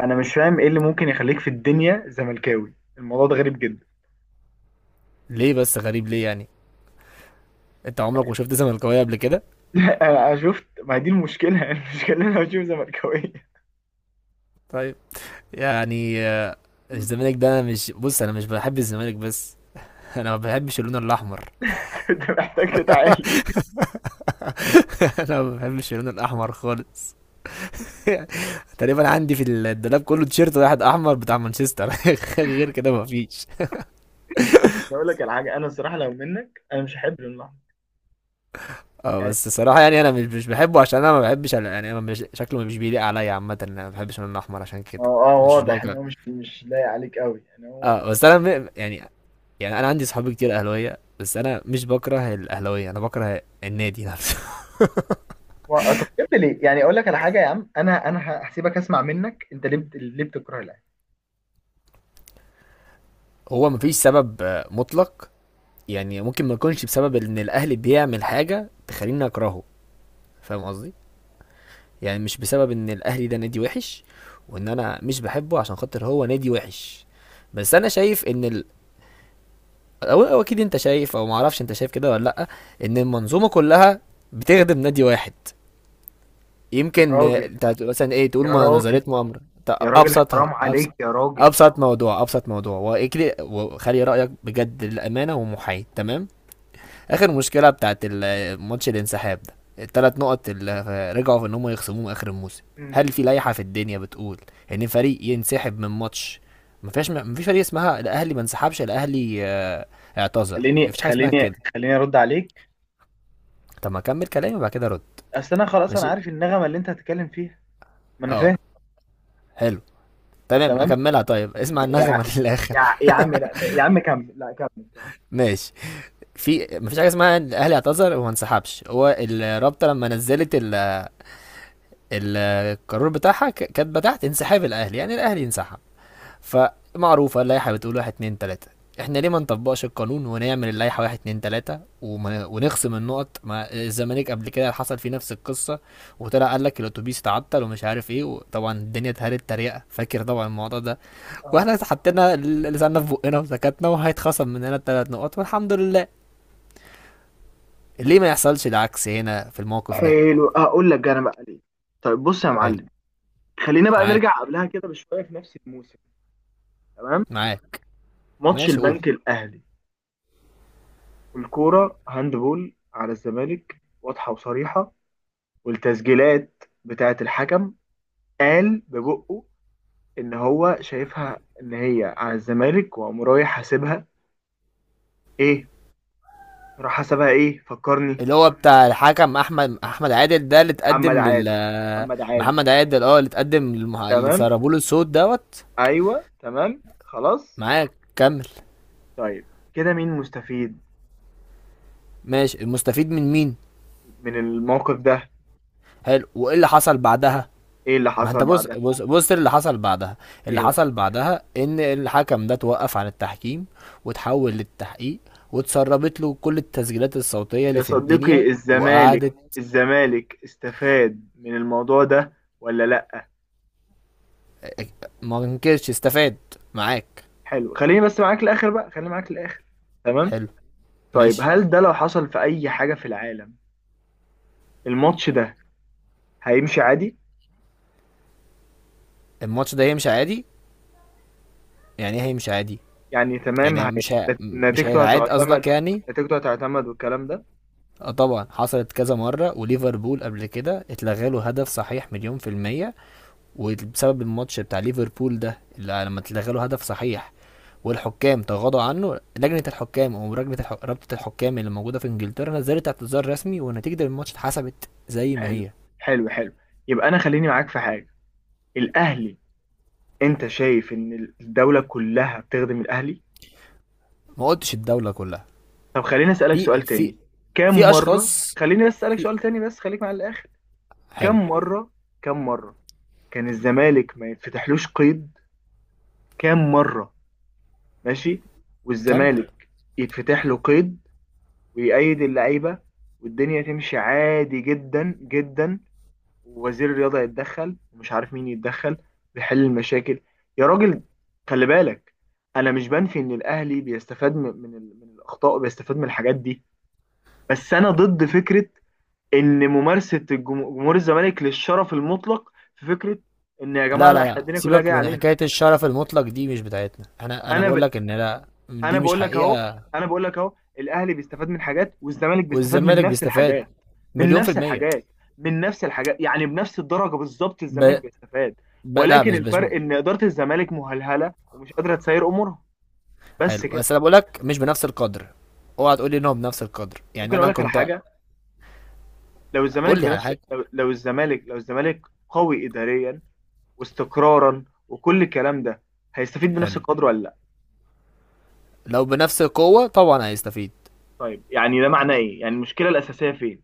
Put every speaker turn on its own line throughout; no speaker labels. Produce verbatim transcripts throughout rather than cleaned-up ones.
انا مش فاهم ايه اللي ممكن يخليك في الدنيا زملكاوي، الموضوع ده غريب جدا.
ليه بس غريب؟ ليه يعني؟ انت عمرك ما شفت زملكاويه قبل كده؟
انا أنا شفت، ما هي دي المشكله. المشكله إن انا بشوف زملكاويه.
طيب. يعني آه، الزمالك ده أنا مش بص انا مش بحب الزمالك بس. انا ما بحبش اللون الاحمر.
انت محتاج تتعالج.
انا ما بحبش اللون الاحمر خالص. تقريبا عندي في الدولاب كله تيشيرت واحد احمر بتاع مانشستر، غير كده ما فيش.
بقول لك على حاجه، انا الصراحه لو منك انا مش هحب اللحظه.
اه
يعني
بس الصراحه، يعني انا مش مش بحبه، عشان انا ما بحبش ال- يعني انا مش شكله مش بيليق عليا عامه. انا ما بحبش اللون الاحمر عشان كده.
هو اه
مش مش
واضح ان
بكره.
هو مش مش لايق عليك قوي، يعني هو واضح.
اه بس انا م- يعني. يعني انا عندي صحابي كتير اهلاويه بس انا مش بكره الاهلاويه، انا بكره النادي نفسه.
و- طب بجد ليه؟ يعني اقول لك على حاجه يا عم، انا انا ه- هسيبك اسمع منك، انت ليه بت- ليه بتكره الاهلي؟
هو مفيش سبب آه، مطلق. يعني ممكن ما يكونش بسبب ان الاهلي بيعمل حاجه تخليني اكرهه. فاهم قصدي؟ يعني مش بسبب ان الاهلي ده نادي وحش، وان انا مش بحبه عشان خاطر هو نادي وحش، بس انا شايف ان ال... أو, او اكيد انت شايف، او معرفش انت شايف كده ولا لا، ان المنظومه كلها بتخدم نادي واحد.
يا
يمكن
راجل،
انت هت- مثلا ايه تقول
يا
ما-
راجل،
نظرية مؤامرة. ت-
يا راجل حرام
ابسطها. ابسط
عليك يا راجل.
ابسط موضوع ابسط موضوع واجري وخلي رايك بجد، للامانه ومحايد تمام. اخر مشكله بتاعت ال- ماتش الانسحاب ده،
مم.
الثلاث نقط اللي رجعوا في ان هم يخصموهم اخر الموسم.
مم.
هل في لائحه في الدنيا بتقول ان فريق ينسحب من ماتش؟ ما فيش ما فيش فريق اسمها الاهلي ما انسحبش الاهلي آه، اعتذر.
خليني
مفيش حاجه اسمها
خليني
كده.
خليني ارد عليك.
طب ما اكمل كلامي وبعد كده رد.
اصل انا خلاص انا
ماشي.
عارف النغمه اللي انت هتتكلم فيها. ما انا
اه.
فاهم.
حلو. تمام
تمام.
اكملها. طيب اسمع
يا
النغمه للاخر.
يا يا عم، لا يا عم كمل، لا كمل كمل
ماشي. في مفيش حاجه اسمها الاهلي اعتذر وما انسحبش، هو الرابطه لما نزلت ال- القرار بتاعها ك- كاتبه تحت انسحاب الاهلي، يعني الاهلي انسحب. فمعروفه اللائحه بتقول واحد اثنين ثلاثة. احنا ليه ما نطبقش القانون ونعمل اللائحه واحد اتنين ثلاثة وما ونخصم النقط؟ ما الزمالك قبل كده حصل فيه نفس القصه، وطلع قال لك الاتوبيس اتعطل ومش عارف ايه، وطبعا الدنيا اتهرت تريقه، فاكر طبعا الموضوع ده.
اه
واحنا حطينا لساننا في بقنا وسكتنا، وهيتخصم مننا الثلاث نقط والحمد لله. ليه ما يحصلش العكس هنا في الموقف ده؟
حلو، اقول لك انا بقى ليه. طيب بص يا
حلو.
معلم، خلينا بقى
معاك،
نرجع قبلها كده بشويه في نفس الموسم. تمام.
معاك.
ماتش
ماشي قول.
البنك الاهلي والكوره هاند بول على الزمالك واضحه وصريحه، والتسجيلات بتاعه الحكم قال ببقه ان هو شايفها ان هي على الزمالك، وقام رايح حاسبها. ايه راح حسبها، ايه فكرني؟
اللي هو بتاع الحكم احمد احمد عادل، ده اللي
محمد
اتقدم لل
عادل، محمد عادل.
محمد عادل، اه، اللي اتقدم للمح... اللي
تمام،
سربوا له الصوت دوت.
ايوه تمام خلاص.
معاك، كمل.
طيب كده مين مستفيد
ماشي. المستفيد من مين؟
من الموقف ده؟
حلو. وايه اللي حصل بعدها؟
ايه اللي
ما انت
حصل
بص
بعدها؟
بص بص اللي حصل بعدها. اللي
ايه بقى؟
حصل بعدها ان الحكم ده توقف عن التحكيم وتحول للتحقيق، واتسربت له كل التسجيلات الصوتية اللي
يا
في
صديقي
الدنيا
الزمالك،
وقعدت.
الزمالك استفاد من الموضوع ده ولا لا؟
ما انكرش استفاد. معاك.
حلو، خليني بس معاك الاخر بقى، خليني معاك الاخر. تمام.
حلو.
طيب
ماشي.
هل ده لو حصل في اي حاجة في العالم، الماتش ده هيمشي عادي؟
الماتش ده هيمشي عادي. يعني ايه هيمشي عادي؟
يعني تمام هي،
يعني مش ه... مش
نتيجته
هيتعاد
هتعتمد،
قصدك يعني.
نتيجته هتعتمد والكلام ده.
اه طبعا، حصلت كذا مرة. وليفربول قبل كده اتلغى له هدف صحيح مليون في المية، وبسبب الماتش بتاع ليفربول ده اللي لما اتلغى له هدف صحيح والحكام تغاضوا عنه، لجنة الحكام أو لجنة الح... رابطة الحكام اللي موجودة في إنجلترا نزلت اعتذار رسمي، ونتيجة الماتش اتحسبت زي ما
حلو،
هي.
حلو، حلو. يبقى انا خليني معاك في حاجه. الاهلي، انت شايف ان الدوله كلها بتخدم الاهلي؟
ما قلتش الدولة كلها.
طب خليني اسالك سؤال
في في
تاني، كم
في
مره،
أشخاص.
خليني بس اسالك
في
سؤال تاني بس، خليك مع الاخر.
حلو،
كم مره، كم مره كان الزمالك ما يتفتحلوش قيد، كم مره؟ ماشي.
كمل.
والزمالك يتفتح له قيد ويأيد اللعيبه والدنيا تمشي عادي جدا جدا، ووزير الرياضة يتدخل ومش عارف مين يتدخل ويحل المشاكل. يا راجل خلي بالك، انا مش بنفي ان الاهلي بيستفاد من من, ال- من الاخطاء وبيستفاد من الحاجات دي، بس انا ضد فكرة ان ممارسة الجم- جمهور الزمالك للشرف المطلق، في فكرة ان يا جماعة
لا
لا
لا
احنا
لا،
الدنيا كلها
سيبك
جاية
من
علينا.
حكاية الشرف المطلق دي، مش بتاعتنا احنا. أنا
انا ب...
بقول لك إن لا،
انا
دي مش
بقول لك اهو،
حقيقة.
انا بقول لك اهو، الاهلي بيستفاد من حاجات والزمالك بيستفاد من
والزمالك
نفس
بيستفاد
الحاجات، من
مليون في
نفس
المية.
الحاجات، من نفس الحاجات، يعني بنفس الدرجه بالظبط الزمالك
ب...
بيستفاد،
ب... لا
ولكن
مش مش.
الفرق ان اداره الزمالك مهلهله ومش قادره تسير امورها، بس
حلو،
كده.
بس أنا بقول لك مش بنفس القدر. اوعى تقول لي إن هو بنفس القدر،
ممكن
يعني
اقول
أنا
لك على
كنت.
حاجه، لو الزمالك
قول لي على
بنفس
حاجة.
لو, لو الزمالك لو الزمالك قوي اداريا واستقرارا وكل الكلام ده، هيستفيد بنفس
حلو.
القدر ولا لا؟
لو بنفس القوة طبعا هيستفيد.
طيب يعني ده معناه ايه، يعني المشكله الاساسيه فين؟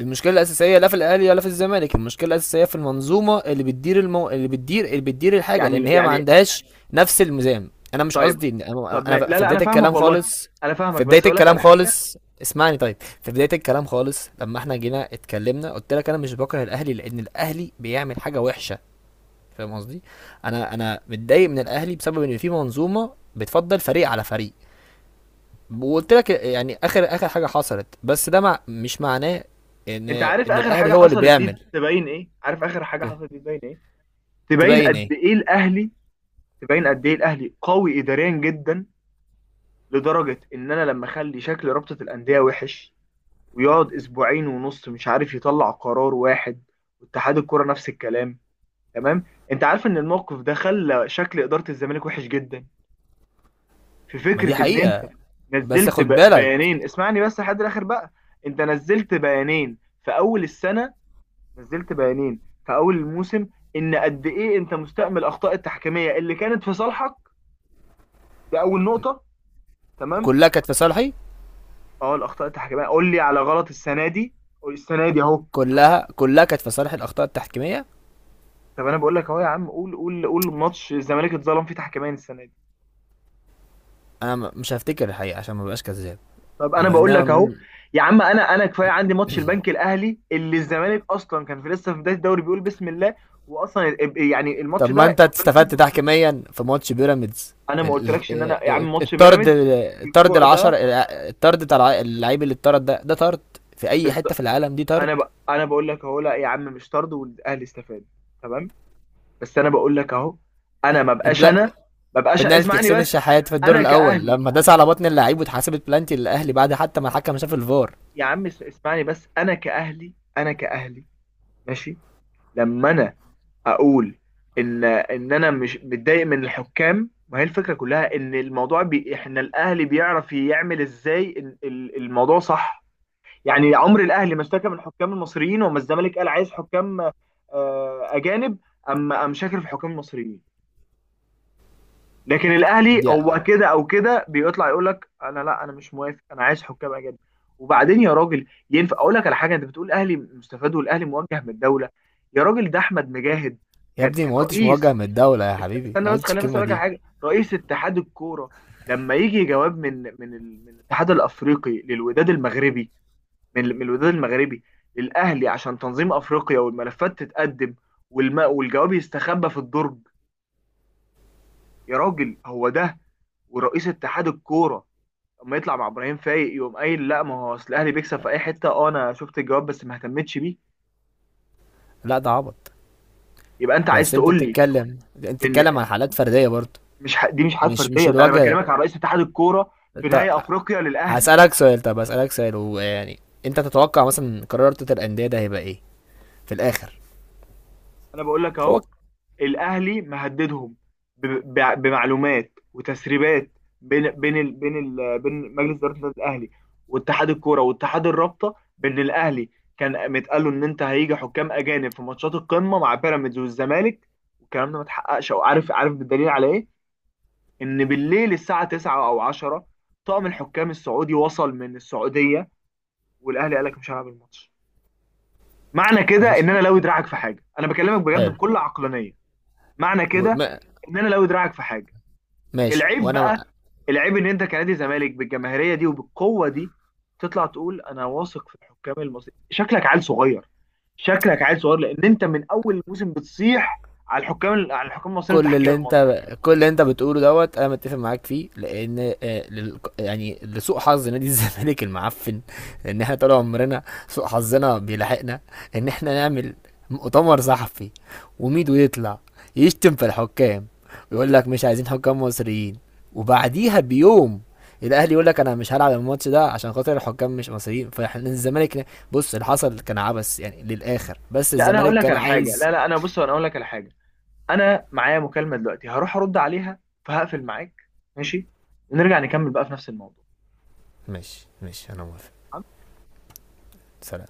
المشكلة الأساسية لا في الأهلي ولا في الزمالك، المشكلة الأساسية في المنظومة اللي بتدير المو... اللي بتدير اللي بتدير الحاجة، لأن
يعني
هي ما
يعني
عندهاش نفس الميزان. أنا مش
طيب.
قصدي إن أنا.
طب ما...
أنا
لا
في
لا انا
بداية
فاهمك
الكلام
والله،
خالص.
انا فاهمك
في بداية
بس اقول لك على
الكلام
حاجه.
خالص. اسمعني طيب. في بداية الكلام خالص، لما احنا جينا اتكلمنا قلت لك أنا مش بكره الأهلي لأن الأهلي بيعمل حاجة وحشة. فاهم قصدي؟ أنا أنا متضايق من الأهلي بسبب إن في منظومة بتفضل فريق على فريق. وقلت لك يعني اخر اخر حاجه حصلت، بس ده مع مش معناه ان
انت عارف
ان
اخر حاجه
الاهلي هو اللي
حصلت دي
بيعمل.
تبين ايه، عارف اخر حاجه حصلت دي تبين ايه؟ تبين
تبين
قد
ايه؟
ايه الاهلي، تبين قد ايه الاهلي قوي اداريا جدا، لدرجه ان انا لما اخلي شكل رابطه الانديه وحش، ويقعد اسبوعين ونص مش عارف يطلع قرار واحد، واتحاد الكوره نفس الكلام. تمام. انت عارف ان الموقف ده خلى شكل اداره الزمالك وحش جدا؟ في
ما دي
فكره ان انت
حقيقه. بس
نزلت
خد
ب-
بالك.
بيانين، اسمعني بس لحد الاخر بقى. انت نزلت بيانين في اول السنه، نزلت بيانين في اول الموسم، ان قد ايه انت مستأمل الاخطاء التحكيميه اللي كانت في صالحك، دي اول نقطه، تمام.
كلها كانت في صالحي.
اه، الاخطاء التحكيميه قول لي على غلط السنه دي، قول السنه دي اهو.
كلها كلها كانت في صالح الاخطاء التحكيميه.
طب انا بقول لك اهو يا عم، قول قول قول ماتش الزمالك اتظلم فيه تحكيميا السنه دي.
انا م- مش هفتكر الحقيقه عشان ما بقاش كذاب.
طب انا بقول
انا.
لك اهو يا عم، انا انا كفايه عندي ماتش البنك الاهلي، اللي الزمالك اصلا كان في لسه في بدايه الدوري بيقول بسم الله، واصلا ال- يعني
طب
الماتش ده
ما انت
الزمالك
استفدت
كسب.
تحكيميا في ماتش بيراميدز.
انا ما
ال-
قلتلكش
ال-
ان انا
آه،
يا
آه،
عم ماتش
الطرد.
بيراميدز،
الطرد
الكوع
العشر.
ده
الطرد بتاع اللعيب اللي اتطرد ده، ده طرد في اي حته في
بالظبط.
العالم، دي طرد.
انا ب... انا بقول لك اهو، لا يا عم مش طرد والاهلي استفاد، تمام، بس انا بقول لك اهو، انا ما بقاش انا ما بقاش
بنالتي
اسمعني
حسين
بس،
الشحات في الدور
انا
الاول
كاهلي،
لما داس على بطن اللعيب، واتحسبت بلانتي للاهلي بعد حتى ما الحكم شاف الفار.
يا عم اس- اسمعني بس انا كاهلي، انا كاهلي، ماشي. لما انا اقول ان ان انا مش متضايق من الحكام، ما هي الفكره كلها ان الموضوع بي... احنا الاهلي بيعرف يعمل ازاي ال- ال- الموضوع صح. يعني عمر الاهلي ما اشتكى من الحكام المصريين، وما الزمالك قال عايز حكام آه، اجانب، اما قام شاكر في الحكام المصريين، لكن الاهلي
دي.
هو كده او كده بيطلع يقول لك انا لا انا مش موافق انا عايز حكام اجانب. وبعدين يا راجل، ينفع اقول لك على حاجه؟ انت بتقول الاهلي مستفاد والاهلي موجه من الدوله، يا راجل ده احمد مجاهد
يا
كان
ابني
كان
ما قلتش موجه
رئيس،
من الدوله يا
است-
حبيبي،
استنى
ما
بس،
قلتش
خلينا بس
الكلمه
اقول لك على
دي.
حاجه. رئيس اتحاد الكوره لما يجي جواب من من ال- من الاتحاد الافريقي للوداد المغربي، من من الوداد المغربي للاهلي عشان تنظيم افريقيا والملفات تتقدم، والم... والجواب يستخبى في الدرج، يا راجل هو ده. ورئيس اتحاد الكوره اما يطلع مع ابراهيم فايق يقوم قايل لا، ما هو اصل الاهلي بيكسب في اي حته، اه انا شفت الجواب بس ما اهتمتش بيه.
لا ده عبط.
يبقى انت عايز
بس انت
تقول لي
بتتكلم، انت
ان
بتتكلم عن حالات فرديه برضه.
مش ح... دي مش حاجات
مش مش
فرديه، ده انا
الوجه ده.
بكلمك عن رئيس اتحاد الكوره في
انت.
نهائي افريقيا للاهلي.
هسالك سؤال. طب هسالك سؤال ويعني انت تتوقع مثلا قرار رابطه الانديه ده هيبقى ايه في الاخر؟
انا بقول لك
هو.
اهو، الاهلي مهددهم ب- ب- بمعلومات وتسريبات، بين بين ال بين ال بين مجلس اداره النادي الاهلي واتحاد الكوره واتحاد الرابطه، بان الاهلي كان متقال له ان انت هيجي حكام اجانب في ماتشات القمه مع بيراميدز والزمالك، والكلام ده ما اتحققش. او عارف، عارف بالدليل على ايه؟ ان بالليل الساعه تسعة او عشرة طقم الحكام السعودي وصل من السعوديه، والاهلي قال لك مش هلعب الماتش. معنى كده ان
ماشي.
انا لو دراعك في حاجه، انا بكلمك بجد
حلو.
بكل عقلانيه. معنى كده
وما...
ان انا لو دراعك في حاجه.
ماشي.
العيب بقى،
وانا
العيب ان انت كنادي زمالك بالجماهيريه دي وبالقوه دي، تطلع تقول انا واثق في الحكام المصريين، شكلك عيل صغير، شكلك عيل صغير، لان انت من اول الموسم بتصيح على الحكام، على الحكام المصريين
كل
والتحكيم
اللي
المصري.
انت كل اللي انت بتقوله دوت انا متفق معاك فيه، لان آه، لل- يعني لسوء حظ نادي الزمالك المعفن ان احنا طول عمرنا سوء حظنا بيلاحقنا، ان احنا نعمل مؤتمر صحفي وميدو يطلع يشتم في الحكام ويقول لك مش عايزين حكام مصريين، وبعديها بيوم الاهلي يقول لك انا مش هلعب الماتش ده عشان خاطر الحكام مش مصريين. فاحنا الزمالك، بص اللي حصل كان عبث يعني للاخر، بس
لا انا هقول
الزمالك
لك
كان
على حاجه، لا
عايز.
لا انا بص، انا هقول لك على حاجه، انا معايا مكالمه دلوقتي هروح ارد عليها، فهقفل معاك، ماشي، ونرجع نكمل بقى في نفس الموضوع.
ماشي، ماشي، انا موافق. سلام.